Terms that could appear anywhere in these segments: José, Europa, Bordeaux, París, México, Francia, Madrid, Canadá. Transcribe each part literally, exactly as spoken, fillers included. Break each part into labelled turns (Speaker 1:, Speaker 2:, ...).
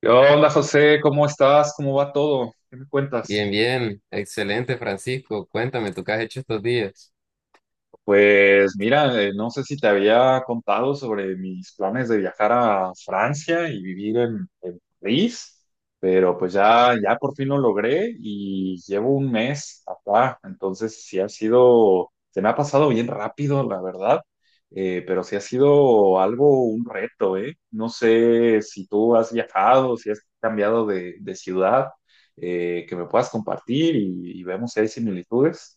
Speaker 1: ¿Qué onda, José? ¿Cómo estás? ¿Cómo va todo? ¿Qué me cuentas?
Speaker 2: Bien, bien, excelente Francisco, cuéntame, ¿tú qué has hecho estos días?
Speaker 1: Pues mira, eh, no sé si te había contado sobre mis planes de viajar a Francia y vivir en, en París, pero pues ya, ya por fin lo logré y llevo un mes acá, entonces sí ha sido, se me ha pasado bien rápido, la verdad, eh, pero sí ha sido algo, un reto, ¿eh? No sé si tú has viajado, si has cambiado de, de ciudad, eh, que me puedas compartir y, y vemos si hay similitudes.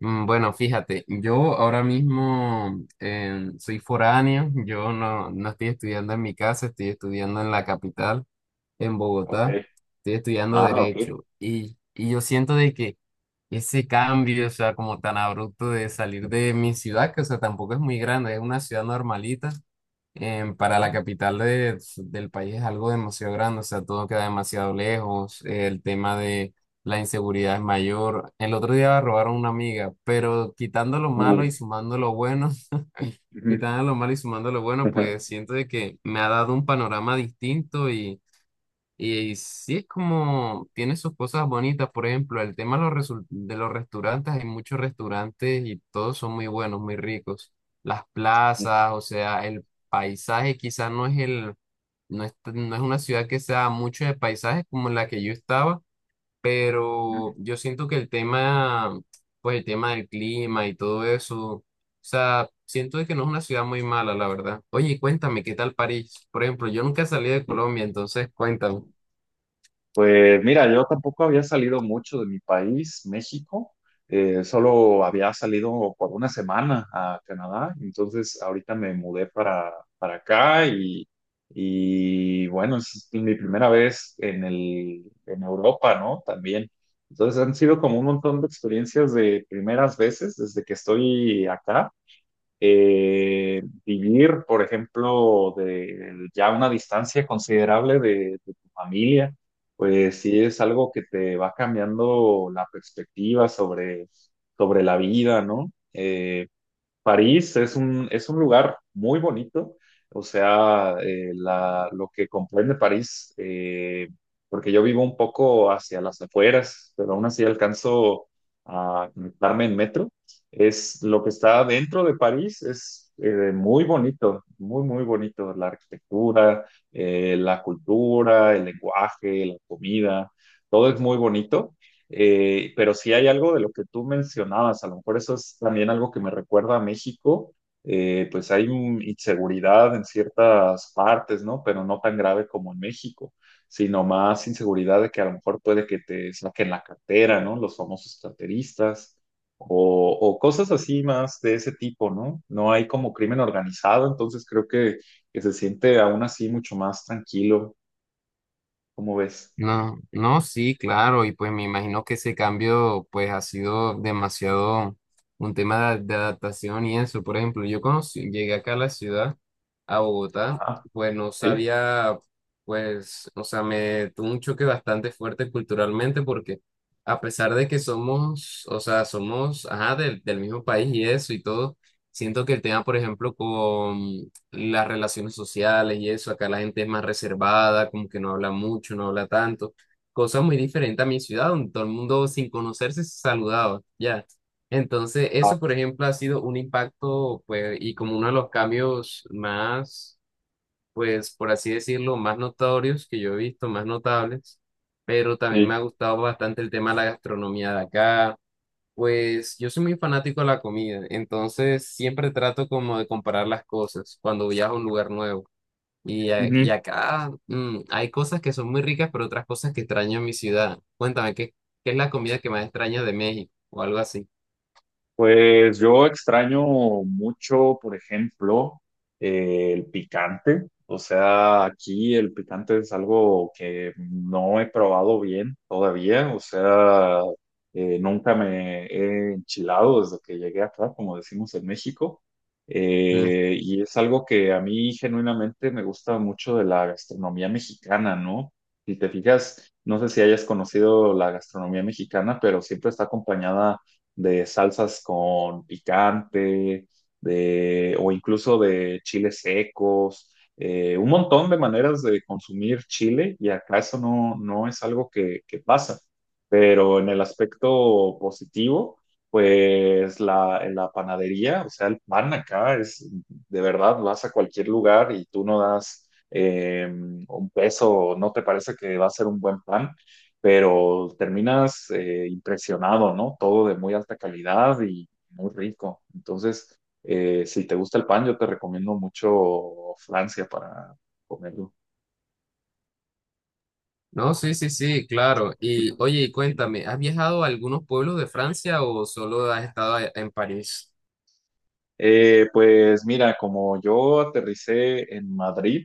Speaker 2: Mm. Bueno, fíjate, yo ahora mismo eh, soy foráneo, yo no, no estoy estudiando en mi casa, estoy estudiando en la capital, en
Speaker 1: Ok.
Speaker 2: Bogotá, estoy estudiando
Speaker 1: Ah, ok.
Speaker 2: Derecho y, y yo siento de que ese cambio, o sea, como tan abrupto de salir de mi ciudad, que, o sea, tampoco es muy grande, es una ciudad normalita em, para la capital de- del país es algo demasiado grande, o sea, todo queda demasiado lejos, el tema de la inseguridad es mayor. El otro día robaron una amiga, pero quitando lo malo
Speaker 1: Uy,
Speaker 2: y sumando lo bueno,
Speaker 1: ujú,
Speaker 2: quitando lo malo y sumando lo bueno,
Speaker 1: ajá,
Speaker 2: pues siento de que me ha dado un panorama distinto y sí es como, tiene sus cosas bonitas, por ejemplo, el tema de los, resul- de los restaurantes, hay muchos restaurantes y todos son muy buenos, muy ricos. Las
Speaker 1: ujú,
Speaker 2: plazas, o sea, el paisaje quizás no es el, no es, no es una ciudad que sea mucho de paisajes como la que yo estaba, pero yo siento que el tema, pues el tema del clima y todo eso, o sea, siento de que no es una ciudad muy mala, la verdad. Oye, cuéntame, ¿qué tal París? Por ejemplo, yo nunca salí de
Speaker 1: sí.
Speaker 2: Colombia, entonces cuéntame.
Speaker 1: Pues mira, yo tampoco había salido mucho de mi país, México. Eh, solo había salido por una semana a Canadá. Entonces ahorita me mudé para, para acá y, y bueno, es mi primera vez en el, en Europa, ¿no? También. Entonces han sido como un montón de experiencias de primeras veces desde que estoy acá. Eh, vivir, por ejemplo, de ya una distancia considerable de, de tu familia, pues sí es algo que te va cambiando la perspectiva sobre, sobre la vida, ¿no? Eh, París es un, es un lugar muy bonito, o sea, eh, la- lo que comprende París, eh, porque yo vivo un poco hacia las afueras, pero aún así alcanzo a conectarme en metro, es lo que está dentro de París, es eh, muy bonito, muy, muy bonito, la arquitectura, eh, la cultura, el lenguaje, la comida, todo es muy bonito. Eh, pero sí hay algo de lo que tú mencionabas, a lo mejor eso es también algo que me recuerda a México, eh, pues hay un- inseguridad en ciertas partes, ¿no? Pero no tan grave como en México, sino más inseguridad de que a lo mejor puede que te saquen la cartera, ¿no? Los famosos carteristas o, o cosas así más de ese tipo, ¿no? No hay como crimen organizado, entonces creo que, que se siente aún así mucho más tranquilo, ¿cómo ves?
Speaker 2: No, no, sí, claro, y pues me imagino que ese cambio pues ha sido demasiado un tema de, de adaptación y eso. Por ejemplo, yo conocí, llegué acá a la ciudad, a Bogotá,
Speaker 1: Ajá,
Speaker 2: pues no
Speaker 1: sí.
Speaker 2: sabía, pues, o sea, me tuvo un choque bastante fuerte culturalmente porque a pesar de que somos, o sea, somos, ajá, del, del mismo país y eso y todo, siento que el tema, por ejemplo, las relaciones sociales y eso. Acá la gente es más reservada, como que no habla mucho, no habla tanto. Cosa muy diferente a mi ciudad, donde todo el mundo sin conocerse se saludaba, ya. Entonces,
Speaker 1: Ah,
Speaker 2: eso, por ejemplo, ha sido un impacto, pues, y como uno de los cambios más, pues, por así decirlo, más notorios que yo he visto, más notables. Pero también
Speaker 1: sí.
Speaker 2: me ha gustado bastante el tema de la gastronomía de acá, pues yo soy muy fanático de la comida, entonces siempre trato como de comparar las cosas cuando viajo a un lugar nuevo. Y, a- y acá mm, hay cosas que son muy ricas, pero otras cosas que extraño en mi ciudad. Cuéntame, ¿qué, ¿qué es la comida que más extrañas de México o algo así?
Speaker 1: Pues yo extraño mucho, por ejemplo, eh, el picante. O sea, aquí el picante es algo que no he probado bien todavía. O sea, eh, nunca me he enchilado desde que llegué acá, como decimos en México.
Speaker 2: Mm.
Speaker 1: Eh, y es algo que a mí genuinamente me gusta mucho de la gastronomía mexicana, ¿no? Si te fijas, no sé si hayas conocido la gastronomía mexicana, pero siempre está acompañada de salsas con picante, de, o incluso de chiles secos, eh, un montón de maneras de consumir chile y acá eso no, no es algo que, que pasa. Pero en el aspecto positivo, pues la, en la panadería, o sea, el pan acá es, de verdad, vas a cualquier lugar y tú no das eh, un peso, no te parece que va a ser un buen pan pero terminas eh, impresionado, ¿no? Todo de muy alta calidad y muy rico. Entonces, eh, si te gusta el pan, yo te recomiendo mucho Francia para comerlo.
Speaker 2: No, sí, sí, sí, claro. Y oye, y cuéntame, ¿has viajado a algunos pueblos de Francia o solo has estado a- en París?
Speaker 1: Eh, pues mira, como yo aterricé en Madrid,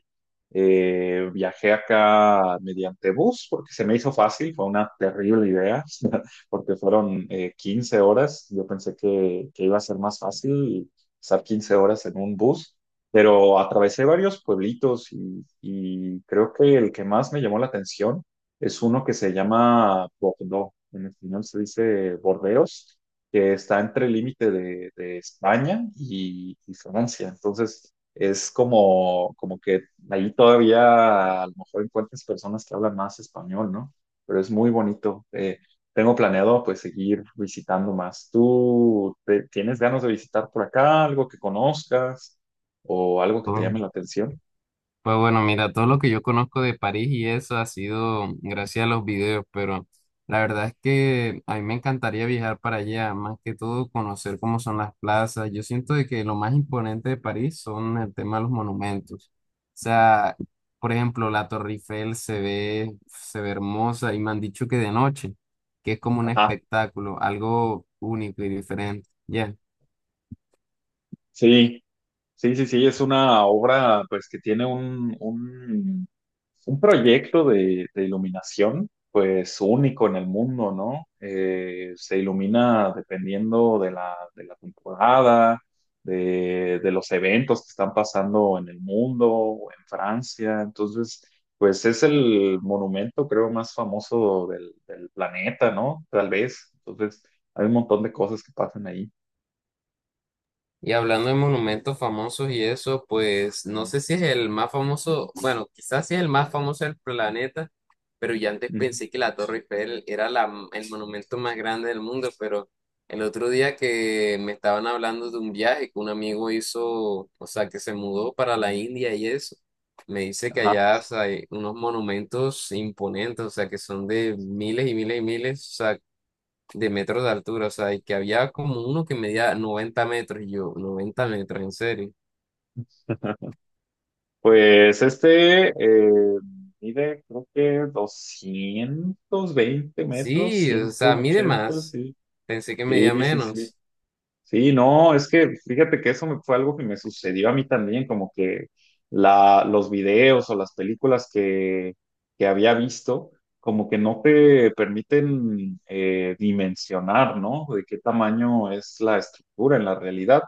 Speaker 1: eh, viajé acá mediante bus porque se me hizo fácil, fue una terrible idea, porque fueron eh, quince horas, yo pensé que, que iba a ser más fácil estar quince horas en un bus, pero atravesé varios pueblitos y, y creo que el que más me llamó la atención es uno que se llama Bordeaux, en español se dice Bordeos, que está entre el límite de, de España y, y Francia. Entonces, es como, como que ahí todavía a lo mejor encuentras personas que hablan más español, ¿no? Pero es muy bonito. Eh, tengo planeado pues seguir visitando más. ¿Tú te- tienes ganas de visitar por acá algo que conozcas o algo que te llame la atención?
Speaker 2: Pues bueno, mira, todo lo que yo conozco de París y eso ha sido gracias a los videos, pero la verdad es que a mí me encantaría viajar para allá, más que todo conocer cómo son las plazas. Yo siento de que lo más imponente de París son el tema de los monumentos. O sea, por ejemplo, la Torre Eiffel se ve, se ve hermosa y me han dicho que de noche, que es como un
Speaker 1: Ajá,
Speaker 2: espectáculo, algo único y diferente. Ya.
Speaker 1: sí. Sí, sí, sí, es una obra pues que tiene un, un, un proyecto de, de iluminación pues único en el mundo, ¿no? Eh, se ilumina dependiendo de la, de la temporada, de, de los eventos que están pasando en el mundo, o en Francia, entonces pues es el monumento creo más famoso del, del planeta, ¿no? Tal vez, entonces hay un montón de cosas que pasan ahí.
Speaker 2: Y hablando de monumentos famosos y eso, pues no sé si es el más famoso, bueno, quizás sí es el más famoso del planeta, pero yo antes
Speaker 1: Ujú.
Speaker 2: pensé que la Torre Eiffel era la, el monumento más grande del mundo, pero el otro día que me estaban hablando de un viaje que un amigo hizo, o sea, que se mudó para la India y eso, me dice que
Speaker 1: Ajá.
Speaker 2: allá, o sea, hay unos monumentos imponentes, o sea, que son de miles y miles y miles, o sea, de metros de altura, o sea, y que había como uno que medía noventa metros, y yo, noventa metros, en serio.
Speaker 1: Pues este eh, mide creo que doscientos veinte metros,
Speaker 2: Sí, o
Speaker 1: ciento
Speaker 2: sea, mide
Speaker 1: ochenta
Speaker 2: más,
Speaker 1: sí.
Speaker 2: pensé que medía
Speaker 1: Sí, sí, sí.
Speaker 2: menos.
Speaker 1: Sí, no, es que fíjate que eso me- fue algo que me sucedió a mí también, como que la, los videos o las películas que, que había visto, como que no te permiten eh, dimensionar, ¿no? De qué tamaño es la estructura en la realidad.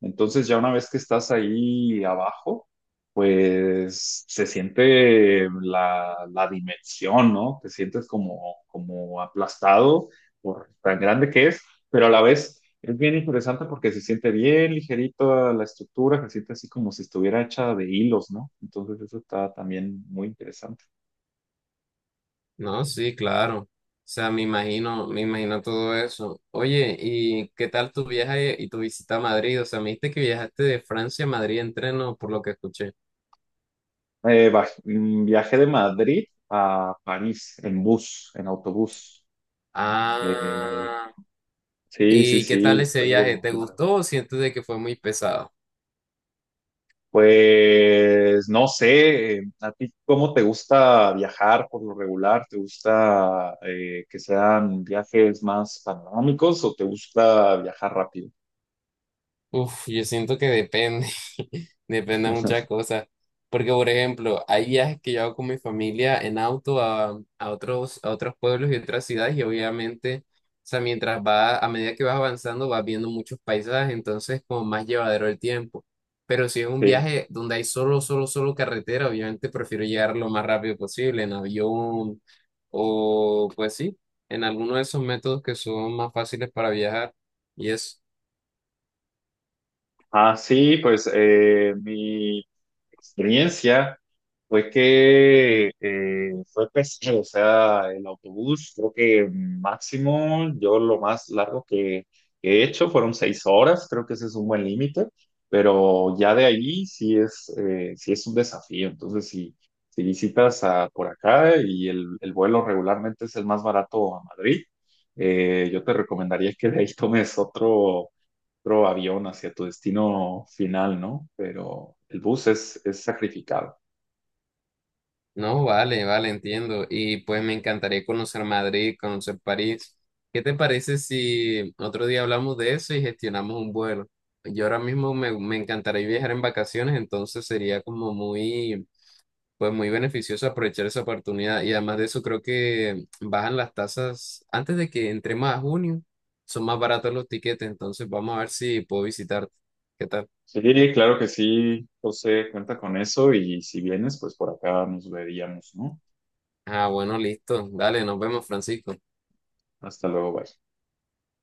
Speaker 1: Entonces ya una vez que estás ahí abajo, pues se siente la, la dimensión, ¿no? Te sientes como, como aplastado por tan grande que es, pero a la vez es bien interesante porque se siente bien ligerito a la estructura, se siente así como si estuviera hecha de hilos, ¿no? Entonces eso está también muy interesante.
Speaker 2: No, sí, claro. O sea, me imagino, me imagino todo eso. Oye, ¿y qué tal tu viaje y tu visita a Madrid? O sea, me dijiste que viajaste de Francia a Madrid en tren, ¿no? Por lo que escuché.
Speaker 1: Eh, baj- mm, viajé de Madrid a París en bus, en autobús. Eh,
Speaker 2: Ah,
Speaker 1: sí, sí,
Speaker 2: ¿y qué
Speaker 1: sí,
Speaker 2: tal
Speaker 1: es
Speaker 2: ese viaje?
Speaker 1: algo
Speaker 2: ¿Te
Speaker 1: largo.
Speaker 2: gustó o sientes de que fue muy pesado?
Speaker 1: Pues no sé, eh, ¿a ti cómo te gusta viajar por lo regular? ¿Te gusta eh, que sean viajes más panorámicos o te gusta viajar rápido?
Speaker 2: Uf, yo siento que depende, depende de muchas cosas. Porque, por ejemplo, hay viajes que yo hago con mi familia en auto a, a otros, a otros pueblos y otras ciudades y obviamente, o sea, mientras va, a medida que vas avanzando, vas viendo muchos paisajes, entonces como más llevadero el tiempo. Pero si es un
Speaker 1: Sí.
Speaker 2: viaje donde hay solo, solo, solo carretera, obviamente prefiero llegar lo más rápido posible, en avión o pues sí, en alguno de esos métodos que son más fáciles para viajar y eso.
Speaker 1: Ah, sí, pues eh, mi experiencia fue que eh, fue pesado, o sea, el autobús, creo que máximo, yo lo más largo que he hecho fueron seis horas, creo que ese es un buen límite, pero ya de ahí sí es, eh, sí es un desafío. Entonces, si, si visitas a, por acá y el, el vuelo regularmente es el más barato a Madrid, eh, yo te recomendaría que de ahí tomes otro. Otro avión hacia tu destino final, ¿no? Pero el bus es, es sacrificado.
Speaker 2: No, vale, vale, entiendo. Y pues me encantaría conocer Madrid, conocer París. ¿Qué te parece si otro día hablamos de eso y gestionamos un vuelo? Yo ahora mismo me, me encantaría viajar en vacaciones, entonces sería como muy, pues muy beneficioso aprovechar esa oportunidad. Y además de eso, creo que bajan las tasas antes de que entremos a junio, son más baratos los tiquetes, entonces vamos a ver si puedo visitarte. ¿Qué tal?
Speaker 1: Sí, claro que sí, José, cuenta con eso y si vienes, pues por acá nos veríamos, ¿no?
Speaker 2: Ah, bueno, listo. Dale, nos vemos, Francisco.
Speaker 1: Hasta luego, bye.